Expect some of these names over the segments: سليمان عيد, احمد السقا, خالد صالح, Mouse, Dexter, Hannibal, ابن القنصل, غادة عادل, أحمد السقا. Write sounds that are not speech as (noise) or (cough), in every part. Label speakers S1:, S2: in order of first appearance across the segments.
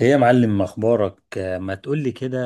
S1: ايه يا معلم اخبارك، ما تقولي كده،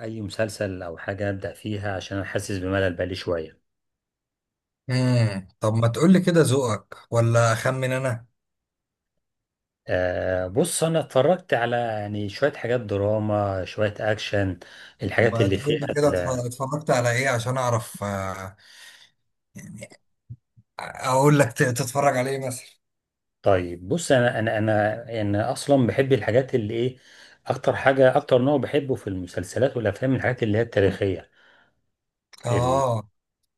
S1: اي مسلسل او حاجه ابدا فيها عشان انا حاسس بملل بقالي شويه.
S2: طب ما تقول لي كده، ذوقك ولا اخمن انا؟
S1: بص انا اتفرجت على يعني شويه حاجات دراما شويه اكشن.
S2: طب
S1: الحاجات
S2: ما
S1: اللي
S2: تقول
S1: فيها
S2: لي كده، اتفرجت على ايه عشان اعرف، يعني اقول لك تتفرج على ايه مثلا؟
S1: طيب بص انا يعني اصلا بحب الحاجات اللي ايه. اكتر حاجه اكتر نوع بحبه في المسلسلات والافلام الحاجات اللي هي التاريخيه. ال-
S2: اه،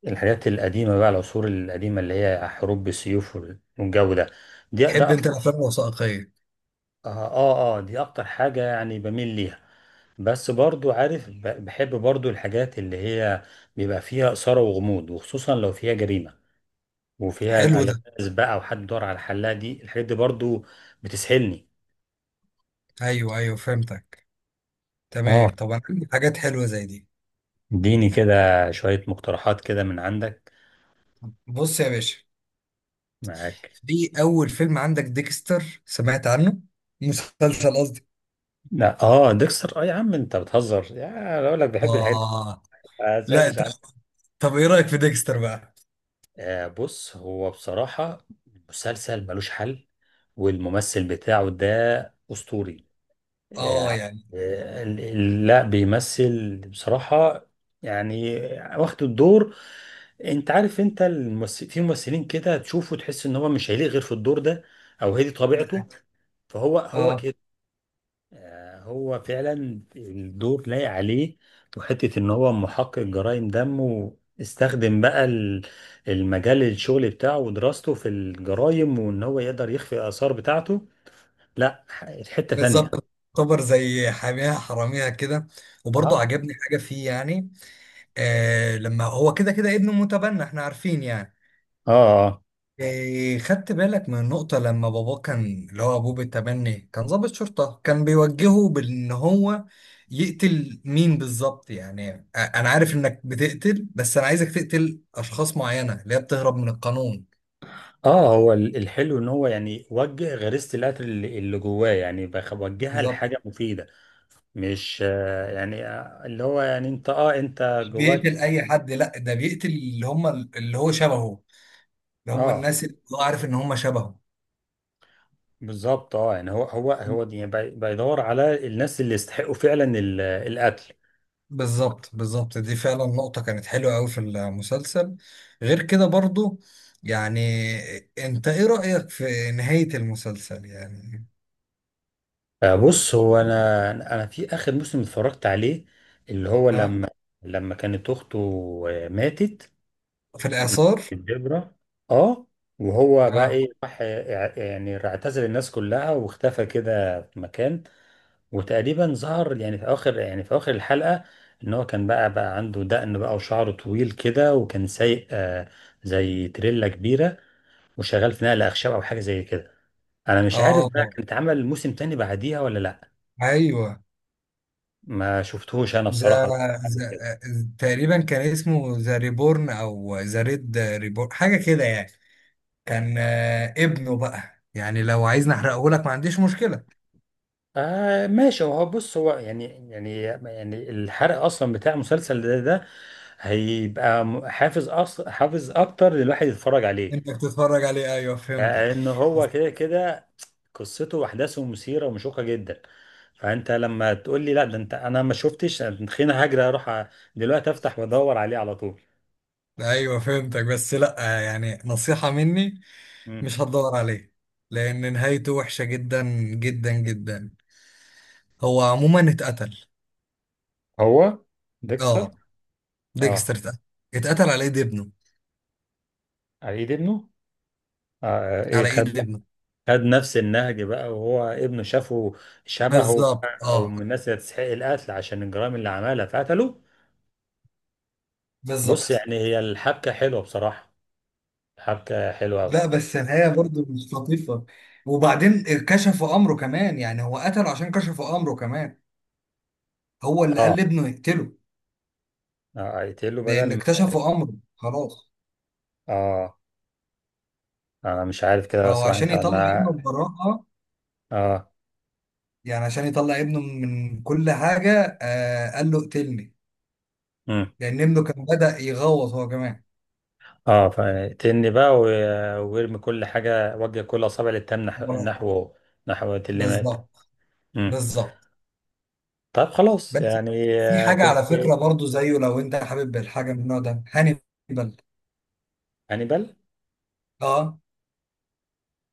S1: الحاجات القديمه بقى العصور القديمه اللي هي حروب بالسيوف والجو ده. دي
S2: تحب
S1: ده
S2: انت الافلام الوثائقيه؟
S1: اه، اه، اه، دي اكتر حاجة يعني بميل ليها. بس برضو عارف، بحب برضو الحاجات اللي هي بيبقى فيها إثارة وغموض، وخصوصا لو فيها جريمة وفيها
S2: حلو ده.
S1: ألغاز بقى وحد دور على الحلاقة، دي الحاجات دي برضو بتسحلني.
S2: ايوه ايوه، فهمتك.
S1: اه،
S2: تمام، طب انا عندي حاجات حلوه زي دي.
S1: اديني كده شوية مقترحات كده من عندك،
S2: بص يا باشا،
S1: معاك.
S2: في اول فيلم عندك ديكستر، سمعت عنه؟ مسلسل قصدي.
S1: لا اه، ديكستر، اه يا عم انت بتهزر، يا اقول لك بحب الحاجات دي.
S2: اه.
S1: ما
S2: لا
S1: سمعتش
S2: طب،
S1: عنها.
S2: طب ايه رايك في ديكستر بقى؟
S1: بص هو بصراحة مسلسل ملوش حل، والممثل بتاعه ده أسطوري
S2: اه
S1: يعني.
S2: يعني.
S1: لا بيمثل بصراحة يعني، واخد الدور. انت عارف، انت الممثل في ممثلين كده تشوفه تحس ان هو مش هيليق غير في الدور ده، او هي دي
S2: ده-
S1: طبيعته فهو هو
S2: اه
S1: كده. هو فعلا الدور لايق عليه، وحتة ان هو محقق جرائم دم، واستخدم بقى المجال الشغل بتاعه ودراسته في الجرائم، وان هو يقدر يخفي الاثار بتاعته. لا حتة ثانية.
S2: بالظبط. تعتبر زي حاميها حراميها كده، وبرضه
S1: اه،
S2: عجبني حاجة فيه يعني. آه، لما هو كده كده ابنه متبنى، احنا عارفين يعني.
S1: اه،
S2: آه، خدت بالك من النقطة لما باباه، كان اللي هو أبوه بالتبني، كان ضابط شرطة، كان بيوجهه بأن هو يقتل مين بالظبط يعني. أنا عارف إنك بتقتل، بس أنا عايزك تقتل أشخاص معينة اللي هي بتهرب من القانون.
S1: اه، هو الحلو ان هو يعني وجه غريزة القتل اللي جواه، يعني وجهها
S2: بالظبط،
S1: لحاجة مفيدة. مش، يعني، اللي هو يعني انت، انت
S2: مش
S1: جواك.
S2: بيقتل أي حد، لا ده بيقتل اللي هم اللي هو شبهه، اللي هم
S1: اه
S2: الناس اللي هو عارف إن هم شبهه.
S1: بالظبط، اه يعني هو يعني بيدور على الناس اللي يستحقوا فعلا القتل.
S2: بالظبط بالظبط، دي فعلا نقطة كانت حلوة أوي في المسلسل. غير كده برضو يعني، أنت إيه رأيك في نهاية المسلسل يعني؟
S1: بص هو انا في اخر موسم اتفرجت عليه، اللي هو
S2: ها.
S1: لما، لما كانت اخته ماتت،
S2: في الإعصار.
S1: الجبرة. اه، وهو بقى
S2: ها.
S1: ايه، راح يعني اعتزل الناس كلها واختفى كده في مكان. وتقريبا ظهر يعني في اخر، يعني في اخر الحلقة، ان هو كان بقى عنده دقن بقى وشعره طويل كده، وكان سايق زي تريلا كبيرة، وشغال في نقل اخشاب او حاجة زي كده. انا مش عارف بقى،
S2: آه.
S1: كان اتعمل موسم تاني بعديها ولا لا،
S2: أيوه.
S1: ما شفتهوش انا
S2: ذا.
S1: بصراحة بعد كده.
S2: ذا، تقريبا كان اسمه ذا ريبورن أو ذا ريد ريبورن حاجة كده يعني. كان ابنه بقى، يعني لو عايز نحرقه لك ما عنديش مشكلة.
S1: ماشي، هو بص هو يعني، يعني الحرق اصلا بتاع مسلسل ده, ده هيبقى حافز حافز اكتر للواحد يتفرج عليه.
S2: أنت بتتفرج عليه، أيوه فهمتك.
S1: لان هو كده كده قصته واحداثه مثيره ومشوقه جدا. فانت لما تقول لي لا ده انت انا ما شفتش، خليني هجري اروح دلوقتي افتح وادور عليه على طول.
S2: ايوه فهمتك، بس لا، يعني نصيحة مني،
S1: مم.
S2: مش هتدور عليه، لان نهايته وحشة جدا، جدا جدا. هو عموما اتقتل.
S1: هو ديكستر.
S2: اه،
S1: اه.
S2: ديكستر اتقتل. اتقتل على ايد ابنه.
S1: عيد ابنه. آه، ايه،
S2: على ايد ابنه.
S1: خد نفس النهج بقى، وهو ابنه شافه شبهه ايوه
S2: بالظبط،
S1: بقى، او
S2: اه.
S1: من الناس اللي تستحق القتل عشان الجرائم اللي عملها فقتلوه. بص
S2: بالظبط.
S1: يعني هي الحبكه حلوه بصراحه، الحبكه حلوه قوي.
S2: لا بس النهاية برضو مش لطيفة، وبعدين كشفوا امره كمان يعني. هو قتله عشان كشفوا امره كمان. هو اللي
S1: اه،
S2: قال لابنه يقتله
S1: يقتله بدل
S2: لان
S1: ما،
S2: اكتشفوا امره خلاص.
S1: اه انا مش عارف كده
S2: فهو
S1: صراحه
S2: عشان
S1: انت
S2: يطلع ابنه
S1: انا،
S2: ببراءة،
S1: اه
S2: يعني عشان يطلع ابنه من كل حاجة، آه قال له اقتلني،
S1: امم
S2: لان ابنه كان بدأ يغوط هو كمان.
S1: اه فيقتلني بقى ويرمي كل حاجه، وجه كل اصابع للتام، نحوه هو، نحو اللي مات.
S2: بالظبط
S1: امم،
S2: بالظبط.
S1: طب خلاص
S2: بس
S1: يعني،
S2: في حاجة
S1: كنت.
S2: على فكرة برضو زيه، لو انت حابب الحاجة من النوع ده، هانيبال.
S1: هانيبال؟
S2: اه.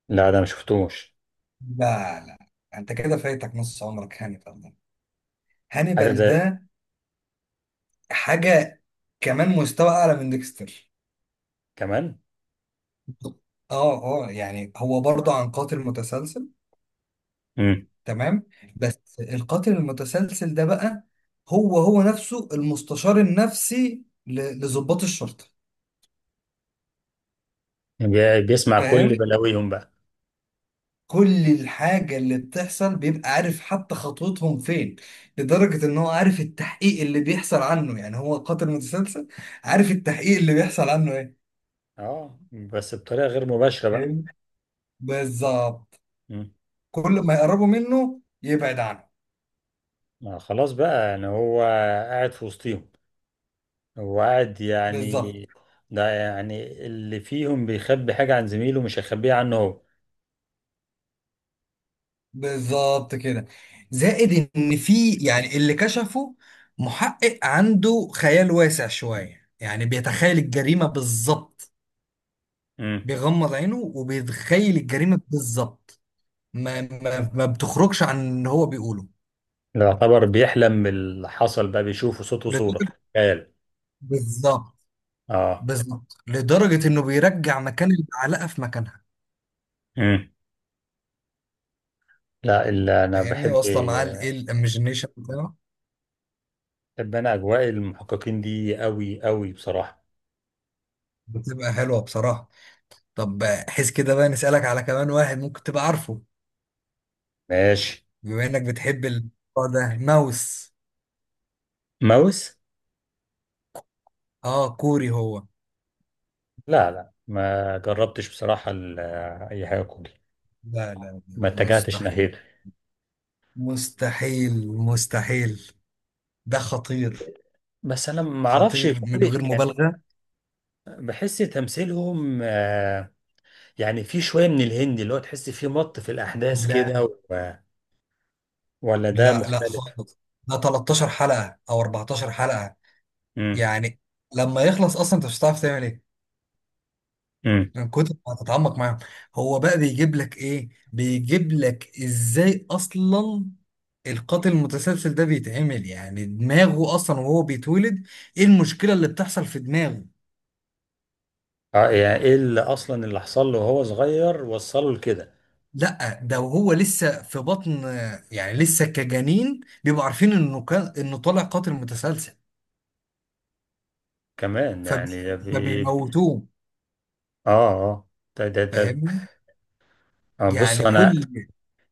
S1: لا ده ما شفتوش.
S2: لا لا، انت كده فايتك نص عمرك. هانيبال ده،
S1: حاجه
S2: هانيبال
S1: زي.
S2: ده حاجة كمان مستوى اعلى من ديكستر.
S1: كمان.
S2: اه اه، يعني هو برضو عن قاتل متسلسل.
S1: مم.
S2: تمام. بس القاتل المتسلسل ده بقى هو نفسه المستشار النفسي لضباط الشرطة.
S1: بيسمع كل
S2: فاهم،
S1: بلاويهم بقى.
S2: كل الحاجة اللي بتحصل بيبقى عارف، حتى خطوتهم فين، لدرجة ان هو عارف التحقيق اللي بيحصل عنه، يعني هو قاتل متسلسل، عارف التحقيق اللي بيحصل عنه ايه.
S1: اه بس بطريقه غير مباشره بقى.
S2: فاهم. بالظبط.
S1: مم.
S2: كل ما يقربوا منه يبعد عنه.
S1: ما خلاص بقى يعني هو قاعد في وسطهم، هو قاعد
S2: بالظبط
S1: يعني. ده يعني اللي فيهم بيخبي حاجه عن زميله مش هيخبيها عنه هو.
S2: بالظبط كده. زائد ان في يعني اللي كشفه، محقق عنده خيال واسع شوية، يعني بيتخيل الجريمة بالظبط،
S1: مم.
S2: بيغمض عينه وبيتخيل الجريمة بالظبط، ما بتخرجش عن اللي هو بيقوله.
S1: ده يعتبر بيحلم باللي حصل بقى، بيشوفه صوت وصوره
S2: لدرجة.
S1: خيال.
S2: بالظبط.
S1: اه.
S2: بالظبط لدرجة انه بيرجع مكان المعلقة في مكانها.
S1: مم. لا اللي انا
S2: فاهمني؟
S1: بحب،
S2: واصلة معاه الايه، الايميجينيشن بتاعه.
S1: بحب انا اجواء المحققين دي قوي قوي بصراحه.
S2: بتبقى حلوة بصراحة. طب حس كده بقى، نسألك على كمان واحد ممكن تبقى عارفه،
S1: ماشي.
S2: بما انك بتحب الموضوع ده، ماوس.
S1: ماوس؟
S2: اه، كوري هو.
S1: لا لا، ما جربتش بصراحة أي حاجة كوري،
S2: لا لا لا،
S1: ما اتجهتش ناحيته.
S2: مستحيل. مستحيل مستحيل. ده خطير.
S1: بس أنا ما أعرفش
S2: خطير من
S1: كوري
S2: غير
S1: يعني،
S2: مبالغة.
S1: بحس تمثيلهم يعني في شوية من الهندي اللي هو تحس فيه مط في الأحداث
S2: لا
S1: كده، ولا ده
S2: لا لا
S1: مختلف؟
S2: خالص. ده 13 حلقة او 14 حلقة
S1: امم
S2: يعني. لما يخلص اصلا، انت مش هتعرف تعمل ايه،
S1: امم
S2: من كتر ما هتتعمق معاهم. هو بقى بيجيب لك ايه؟ بيجيب لك ازاي اصلا؟ القاتل المتسلسل ده بيتعمل، يعني دماغه اصلا وهو بيتولد. ايه المشكلة اللي بتحصل في دماغه؟
S1: اه يعني إيه اللي أصلا، اللي حصل له وهو صغير وصله لكده،
S2: لا ده وهو لسه في بطن، يعني لسه كجنين بيبقوا عارفين انه كان، انه طالع قاتل متسلسل.
S1: كمان
S2: فبي-
S1: يعني ده بي...
S2: فبيموتوه.
S1: آه، آه، ده،
S2: فاهمني؟
S1: بص
S2: يعني
S1: أنا
S2: كل.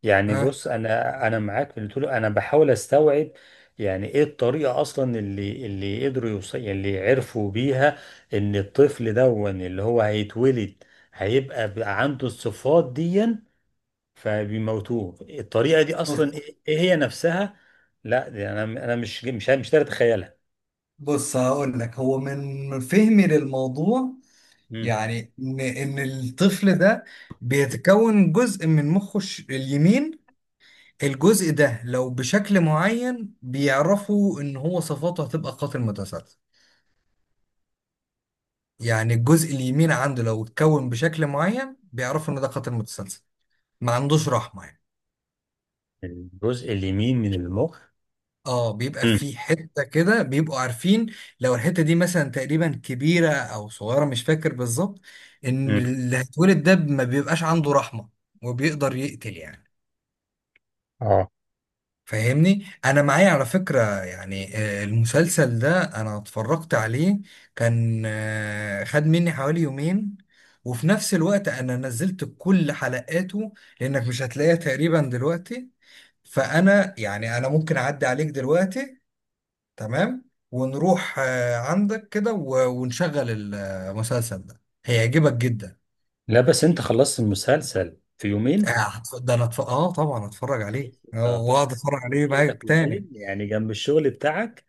S1: يعني،
S2: ها.
S1: بص انا معاك في اللي تقوله، انا بحاول استوعب. يعني ايه الطريقه اصلا اللي قدروا يوصل اللي عرفوا بيها، ان الطفل دون اللي هو هيتولد هيبقى بقى عنده الصفات دي، فبيموتوه، الطريقه دي اصلا
S2: بص
S1: ايه، إيه هي نفسها. لا دي انا، مش قادر اتخيلها.
S2: بص، هقول لك هو من فهمي للموضوع،
S1: مم.
S2: يعني ان الطفل ده بيتكون جزء من مخه اليمين. الجزء ده لو بشكل معين بيعرفوا ان هو صفاته هتبقى قاتل متسلسل. يعني الجزء اليمين عنده لو اتكون بشكل معين بيعرفوا ان ده قاتل متسلسل، ما عندوش رحمة يعني.
S1: الجزء اليمين من المخ.
S2: اه، بيبقى
S1: مم.
S2: في حته كده بيبقوا عارفين، لو الحته دي مثلا تقريبا كبيره او صغيره، مش فاكر بالظبط، ان
S1: مم.
S2: اللي هيتولد ده ما بيبقاش عنده رحمه، وبيقدر يقتل يعني.
S1: اه.
S2: فاهمني؟ انا معايا على فكره يعني، المسلسل ده انا اتفرجت عليه، كان خد مني حوالي يومين، وفي نفس الوقت انا نزلت كل حلقاته لانك مش هتلاقيها تقريبا دلوقتي. فانا يعني انا ممكن اعدي عليك دلوقتي تمام، ونروح عندك كده ونشغل المسلسل ده، هيعجبك جدا.
S1: لا بس انت خلصت المسلسل في يومين؟
S2: ده انا اه طبعا هتفرج عليه، اه واقعد
S1: 13
S2: اتفرج عليه
S1: كده في
S2: معاك
S1: يومين
S2: تاني.
S1: يعني جنب الشغل بتاعك؟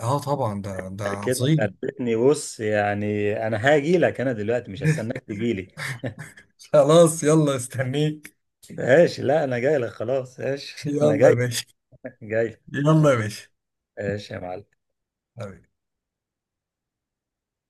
S2: اه طبعا، ده
S1: كده
S2: عظيم.
S1: خلتني، بص يعني انا هاجي لك انا دلوقتي، مش هستناك
S2: (laughs)
S1: تجي لي.
S2: خلاص، يلا استنيك.
S1: ماشي، لا انا جاي لك، خلاص ماشي (laughs) انا
S2: يلا يا
S1: جاي،
S2: باشا.
S1: جاي،
S2: يلا يا باشا.
S1: ماشي يا معلم.
S2: حبيبي.